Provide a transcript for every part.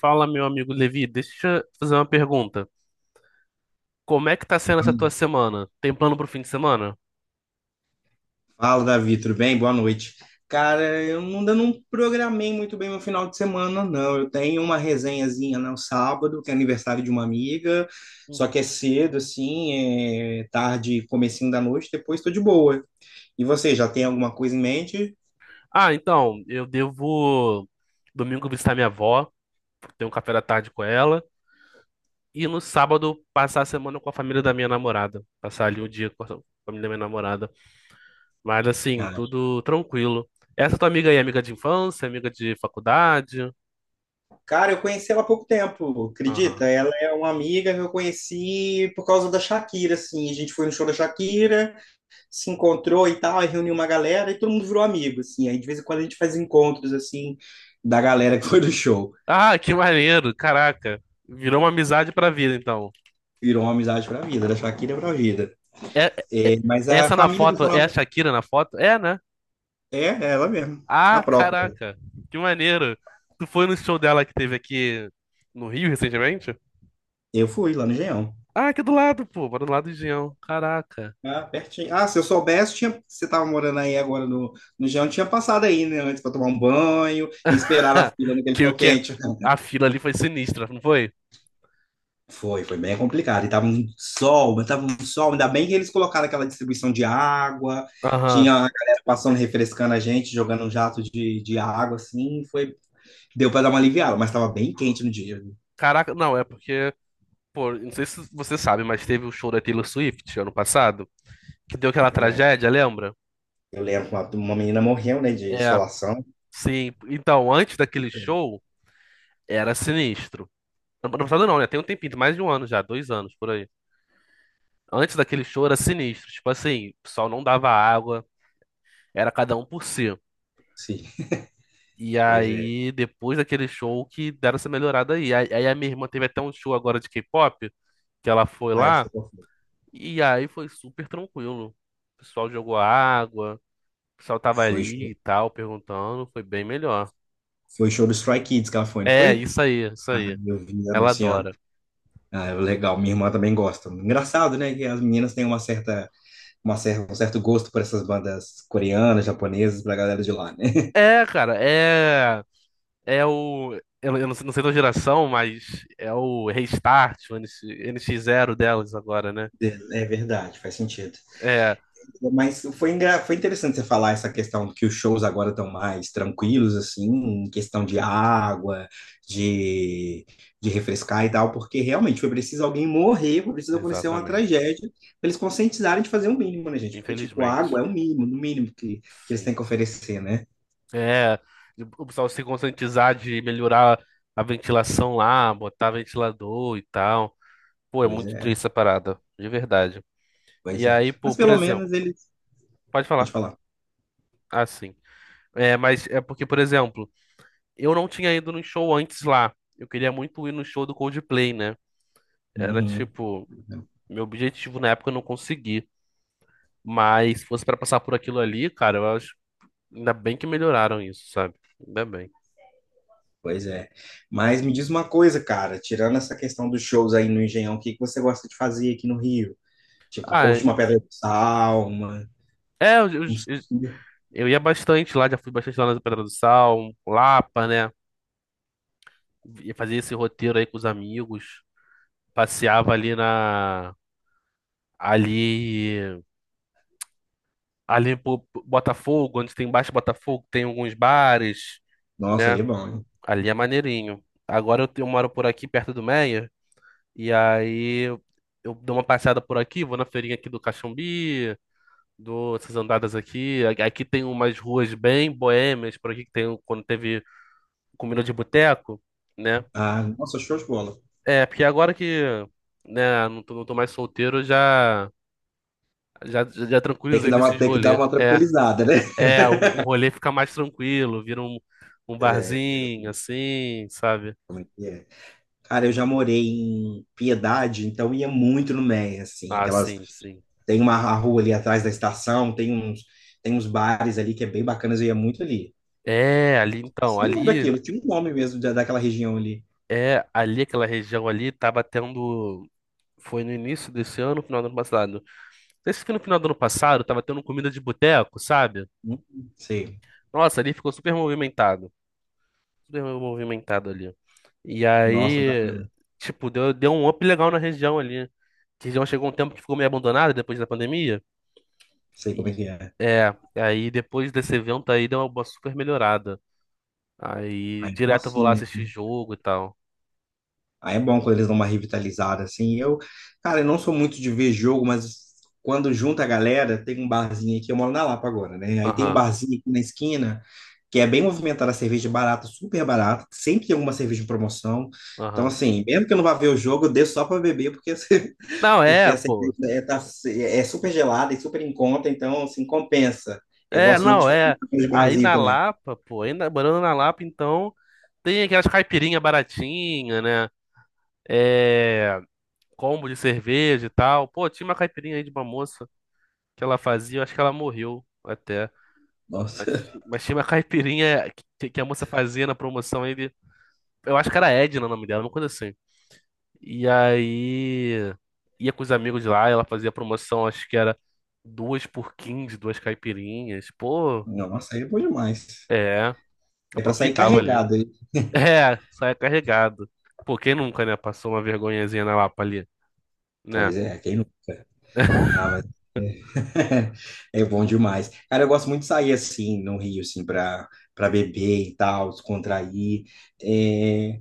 Fala, meu amigo Levi, deixa eu fazer uma pergunta. Como é que tá sendo essa tua semana? Tem plano pro fim de semana? Fala, Davi, tudo bem? Boa noite. Cara, eu ainda não programei muito bem meu final de semana, não. Eu tenho uma resenhazinha no sábado, que é aniversário de uma amiga, só que é Uhum. cedo, assim, é tarde, comecinho da noite, depois tô de boa. E você, já tem alguma coisa em mente? Então, eu devo domingo visitar minha avó, ter um café da tarde com ela, e no sábado passar a semana com a família da minha namorada, passar ali o dia com a família da minha namorada. Mas assim, Ah, tudo tranquilo. Essa tua amiga aí, é amiga de infância, amiga de faculdade? cara, eu conheci ela há pouco tempo, Aham. acredita? Ela é uma amiga que eu conheci por causa da Shakira, assim. A gente foi no show da Shakira, se encontrou e tal, aí reuniu uma galera e todo mundo virou amigo, assim. Aí de vez em quando a gente faz encontros, assim, da galera que foi do show. Ah, que maneiro, caraca. Virou uma amizade pra vida, então. Virou uma amizade pra vida, da Shakira pra vida. É, é- É, mas é a essa na família do foto, seu é a namorado Shakira na foto? É, né? é ela mesmo, a Ah, própria. caraca, que maneiro. Tu foi no show dela que teve aqui no Rio recentemente? Eu fui lá no Engenhão. Ah, aqui do lado, pô, mora do lado de Engenhão. Caraca. Ah, pertinho. Ah, se eu soubesse, tinha... você tava morando aí agora no Engenhão, tinha passado aí, né, antes pra tomar um banho e esperar na fila naquele Que o sol que é, quente. a fila ali foi sinistra, não foi? Foi, foi bem complicado. E tava um sol, mas tava um sol. Ainda bem que eles colocaram aquela distribuição de água. Aham. Tinha a galera passando, refrescando a gente, jogando um jato de água, assim. Foi, deu para dar uma aliviada, mas tava bem quente no dia, viu? Caraca, não, é porque, pô, não sei se você sabe, mas teve o show da Taylor Swift ano passado, que deu aquela Eu lembro. tragédia, lembra? Eu lembro que uma menina morreu, né, de É, insolação. sim. Então, antes daquele show, era sinistro. Ano passado não, né? Tem um tempinho, mais de um ano já, dois anos por aí. Antes daquele show era sinistro. Tipo assim, o pessoal não dava água, era cada um por si. Sim, E pois é. aí, depois daquele show que deram essa melhorada aí. Aí a minha irmã teve até um show agora de K-pop, que ela foi Aí eu lá, sei qual foi. e aí foi super tranquilo. O pessoal jogou água, o pessoal tava Foi ali show, e tal, perguntando, foi bem melhor. foi show do Stray Kids que ela foi, não É, foi? isso aí, isso Aí aí. eu vi Ela anunciando. adora. Ah, legal. Minha irmã também gosta. Engraçado, né, que as meninas têm uma certa um certo gosto por essas bandas coreanas, japonesas, pra galera de lá, né? É, cara, é. É o. Eu não sei, não sei da geração, mas é o Restart, o NX, NX Zero delas agora, né? É é verdade, faz sentido. É, Mas foi, foi interessante você falar essa questão que os shows agora estão mais tranquilos, assim, em questão de água, de, de refrescar e tal, porque realmente foi preciso alguém morrer, foi preciso acontecer uma exatamente. tragédia, pra eles conscientizarem de fazer o mínimo, né, gente? Porque, tipo, água Infelizmente, é o mínimo, no mínimo que eles têm sim. que oferecer, né? É, o pessoal se conscientizar de melhorar a ventilação lá, botar ventilador e tal. Pô, é Pois muito triste é, essa parada, de verdade. pois E é. aí, pô, Mas por pelo exemplo, menos eles. pode Pode falar. falar. Ah, sim. É, mas é porque, por exemplo, eu não tinha ido no show antes lá. Eu queria muito ir no show do Coldplay, né? Era Uhum. tipo. Meu objetivo na época eu não consegui. Mas se fosse pra passar por aquilo ali, cara, eu acho. Ainda bem que melhoraram isso, sabe? Ainda bem. Pois é. Mas me diz uma coisa, cara, tirando essa questão dos shows aí no Engenhão, o que que você gosta de fazer aqui no Rio? Tipo, Ah, curte uma pedra de sal, uma... é, eu, eu, um... eu- eu ia bastante lá, já fui bastante lá na Pedra do Sal, Lapa, né? Ia fazer esse roteiro aí com os amigos. Passeava ali na. Ali. Ali por Botafogo, onde tem embaixo de Botafogo, tem alguns bares, Nossa, né? ali é bom, hein? Ali é maneirinho. Agora eu, eu moro por aqui, perto do Meia. E aí eu dou uma passeada por aqui, vou na feirinha aqui do Caxambi, dou essas andadas aqui. Aqui tem umas ruas bem boêmias, por aqui que tem quando teve comida de boteco, né? Ah, nossa, show de bola. É, porque agora que, né, não tô mais solteiro, eu já Tem que tranquilizei dar uma, desses tem que dar rolê. uma É, tranquilizada, né? é, o rolê fica mais tranquilo, vira um, um É, barzinho, assim, sabe? como é que é? Cara, eu já morei em Piedade, então ia muito no Meia, assim, que Ah, elas sim, sim. tem uma a rua ali atrás da estação, tem uns bares ali que é bem bacanas, eu ia muito ali. É, ali então, Esse nome daqui, ali, eu tinha um nome mesmo daquela região ali. é, ali aquela região ali tava tendo. Foi no início desse ano, final do ano passado. Esse que no final do ano passado tava tendo comida de boteco, sabe? Não sei. Nossa, ali ficou super movimentado. Super movimentado ali. E Nossa, aí, bacana. tipo, deu um up legal na região ali. A região chegou um tempo que ficou meio abandonada depois da pandemia. Sei como é E, que é. é, aí depois desse evento aí deu uma super melhorada. Aí Aí é bom direto eu vou assim, lá né? assistir jogo e tal. Aí é bom quando eles dão uma revitalizada, assim. Eu, cara, eu não sou muito de ver jogo, mas quando junta a galera, tem um barzinho aqui, eu moro na Lapa agora, né? Aí tem um Aham, barzinho aqui na esquina, que é bem movimentado, a cerveja é barata, super barata, sempre tem alguma cerveja em promoção. Então, aham. assim, mesmo que eu não vá ver o jogo, eu desço só pra beber, porque, assim, Não, porque é, a cerveja pô. É super gelada e super em conta, então, assim, compensa. Eu É, gosto muito de não, fazer é. de Aí barzinho na também. Lapa, pô, ainda morando na Lapa, então tem aquelas caipirinha baratinha, né? É, combo de cerveja e tal. Pô, tinha uma caipirinha aí de uma moça que ela fazia, eu acho que ela morreu até. Mas, Nossa. mas tinha uma caipirinha que a moça fazia na promoção aí de, eu acho que era Edna o nome dela, uma coisa assim. E aí ia com os amigos lá, ela fazia promoção, acho que era 2 por 15, duas caipirinhas. Pô, Nossa, aí é bom demais. é, É pra sair aproveitava ali. carregado, hein? É, saia carregado. Pô, quem nunca, né? Passou uma vergonhazinha na Lapa ali. Né? Pois é, quem nunca? Ah, mas é, é bom demais. Cara, eu gosto muito de sair assim, no Rio, assim, pra beber e tal, descontrair. É,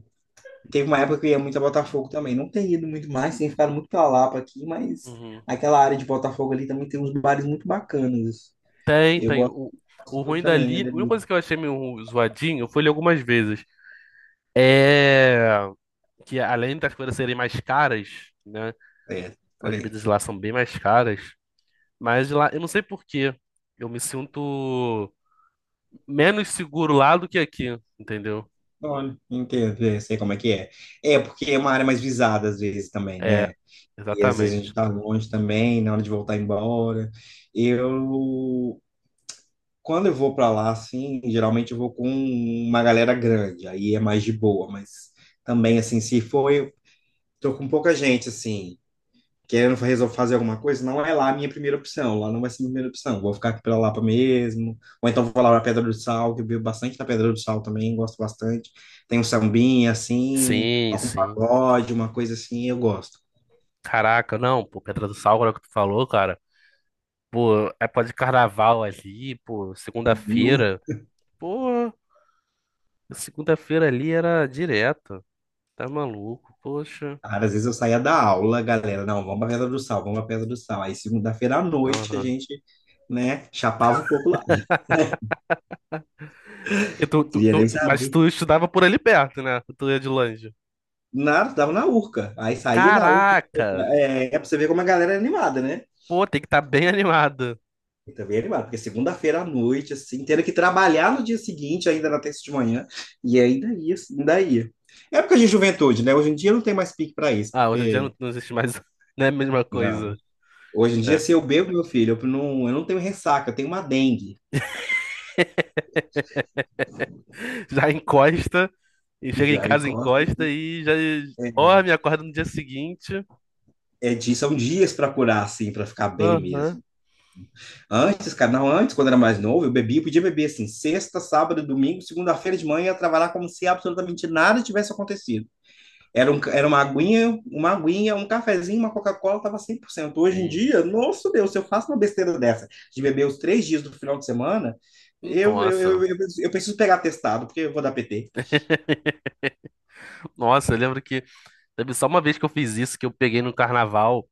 teve uma época que eu ia muito a Botafogo também. Não tenho ido muito mais, tenho ficado muito pra Lapa aqui, mas Uhum. aquela área de Botafogo ali também tem uns bares muito bacanas. Tem, Eu tem. gosto, O gosto muito ruim também, é dali, a única dali. coisa que eu achei meio zoadinho, eu fui ler algumas vezes, é que além das coisas serem mais caras, né? É, por As aí. bebidas lá são bem mais caras, mas lá, eu não sei por quê. Eu me sinto menos seguro lá do que aqui, entendeu? Olha, entendo, é, sei como é que é. É, porque é uma área mais visada às vezes também, É, né? E às vezes a exatamente. gente tá longe também, na hora de voltar embora. Eu, quando eu vou para lá, assim, geralmente eu vou com uma galera grande, aí é mais de boa, mas também, assim, se for, eu tô com pouca gente, assim, querendo resolver fazer alguma coisa, não é lá a minha primeira opção, lá não vai ser a minha primeira opção, vou ficar aqui pela Lapa mesmo, ou então vou lá pra Pedra do Sal, que eu bebo bastante da Pedra do Sal também, gosto bastante. Tem um sambinha, assim, Sim, toco um sim. pagode, uma coisa assim, eu gosto. Caraca, não, pô, Pedra do Sal, agora que tu falou, cara. Pô, é pó de carnaval ali, pô, No... segunda-feira. Pô. Segunda-feira ali era direto. Tá maluco, poxa. cara, às vezes eu saía da aula, galera, não, vamos pra Pedra do Sal, vamos pra Pedra do Sal. Aí segunda-feira à noite a Aham. gente, né, chapava o coco lá. E Queria nem mas saber. tu estudava por ali perto, né? Tu ia de longe. Nada, tava na Urca. Aí saía da Urca, Caraca! é, é pra você ver como a galera é animada, né? Pô, tem que estar bem animado. Eu também é animada, porque segunda-feira à noite, assim, tendo que trabalhar no dia seguinte, ainda na terça de manhã, e ainda ia, assim, ainda ia. É época de juventude, né? Hoje em dia não tem mais pique pra isso, Ah, hoje em dia porque, não, não existe mais. Não é a mesma não. coisa. Hoje em dia, É. se eu bebo, meu filho, eu não tenho ressaca, eu tenho uma dengue. Já encosta, e chega em Já casa, encosta. encosta e já dorme, acorda no dia seguinte. É de, são dias para curar, assim, para ficar bem Aham. mesmo. Antes, cara, não, antes, quando era mais novo, eu bebia, eu podia beber, assim, sexta, sábado, domingo, segunda-feira de manhã, ia trabalhar como se absolutamente nada tivesse acontecido. Era, um, era uma aguinha, um cafezinho, uma Coca-Cola, tava 100%. Hoje em Sim. dia, nosso Deus, se eu faço uma besteira dessa, de beber os três dias do final de semana, Nossa. Eu preciso pegar testado, porque eu vou dar PT. Nossa, eu lembro que teve só uma vez que eu fiz isso, que eu peguei no carnaval.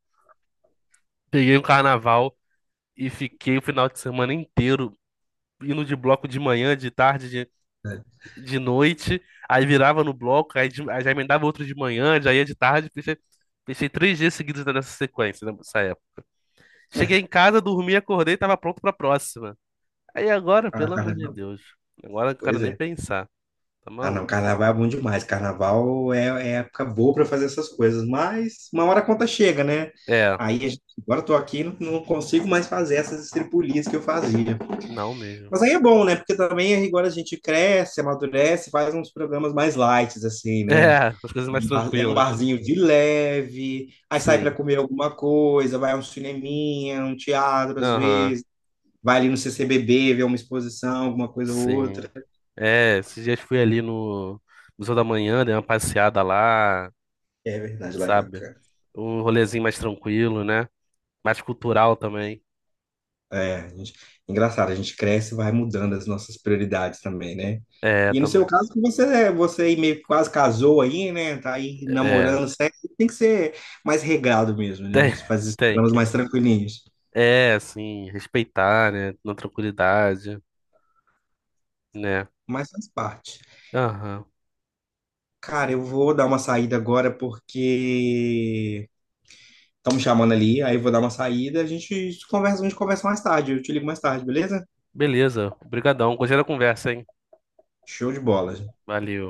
Peguei um carnaval. E fiquei o final de semana inteiro indo de bloco de manhã, de tarde, de noite, aí virava no bloco, aí, aí já emendava outro de manhã, já ia de tarde, fechei três dias seguidos nessa sequência, né, nessa época. Cheguei em casa, dormi, acordei, tava pronto pra próxima. Aí agora, Ah, pelo cara, amor de não. Deus, agora eu não quero Pois nem é. pensar, tá Ah, não, maluco? carnaval é bom demais. Carnaval é, é época boa para fazer essas coisas, mas uma hora a conta chega, né? É, Aí, a gente- agora eu tô aqui, não, não consigo mais fazer essas estripulias que eu fazia. não mesmo. Mas aí é bom, né? Porque também agora a gente cresce, amadurece, faz uns programas mais light, assim, né? É, as coisas mais É um tranquilas, barzinho de leve, aí sai para sim. comer alguma coisa, vai a um cineminha, um teatro às Aham, vezes, vai ali no CCBB ver uma exposição, alguma coisa ou outra. sim. É, esses dias fui ali no Museu da Manhã, dei uma passeada lá. É verdade, lá é Sabe? bacana. Um rolezinho mais tranquilo, né? Mais cultural também. É, a gente- engraçado, a gente cresce e vai mudando as nossas prioridades também, né? É, E no seu também. caso, que você é- você aí meio que quase casou aí, né? Tá aí É, namorando, sexo, tem que ser mais regrado mesmo, né? tem, Você faz esses tem programas que. mais tranquilinhos. É, assim, respeitar, né? Na tranquilidade, né? Mas faz parte. Aham. Cara, eu vou dar uma saída agora porque estão me chamando ali, aí eu vou dar uma saída, a gente conversa mais tarde, eu te ligo mais tarde, beleza? Beleza. Obrigadão. Gostei da conversa, hein? Show de bola. Valeu.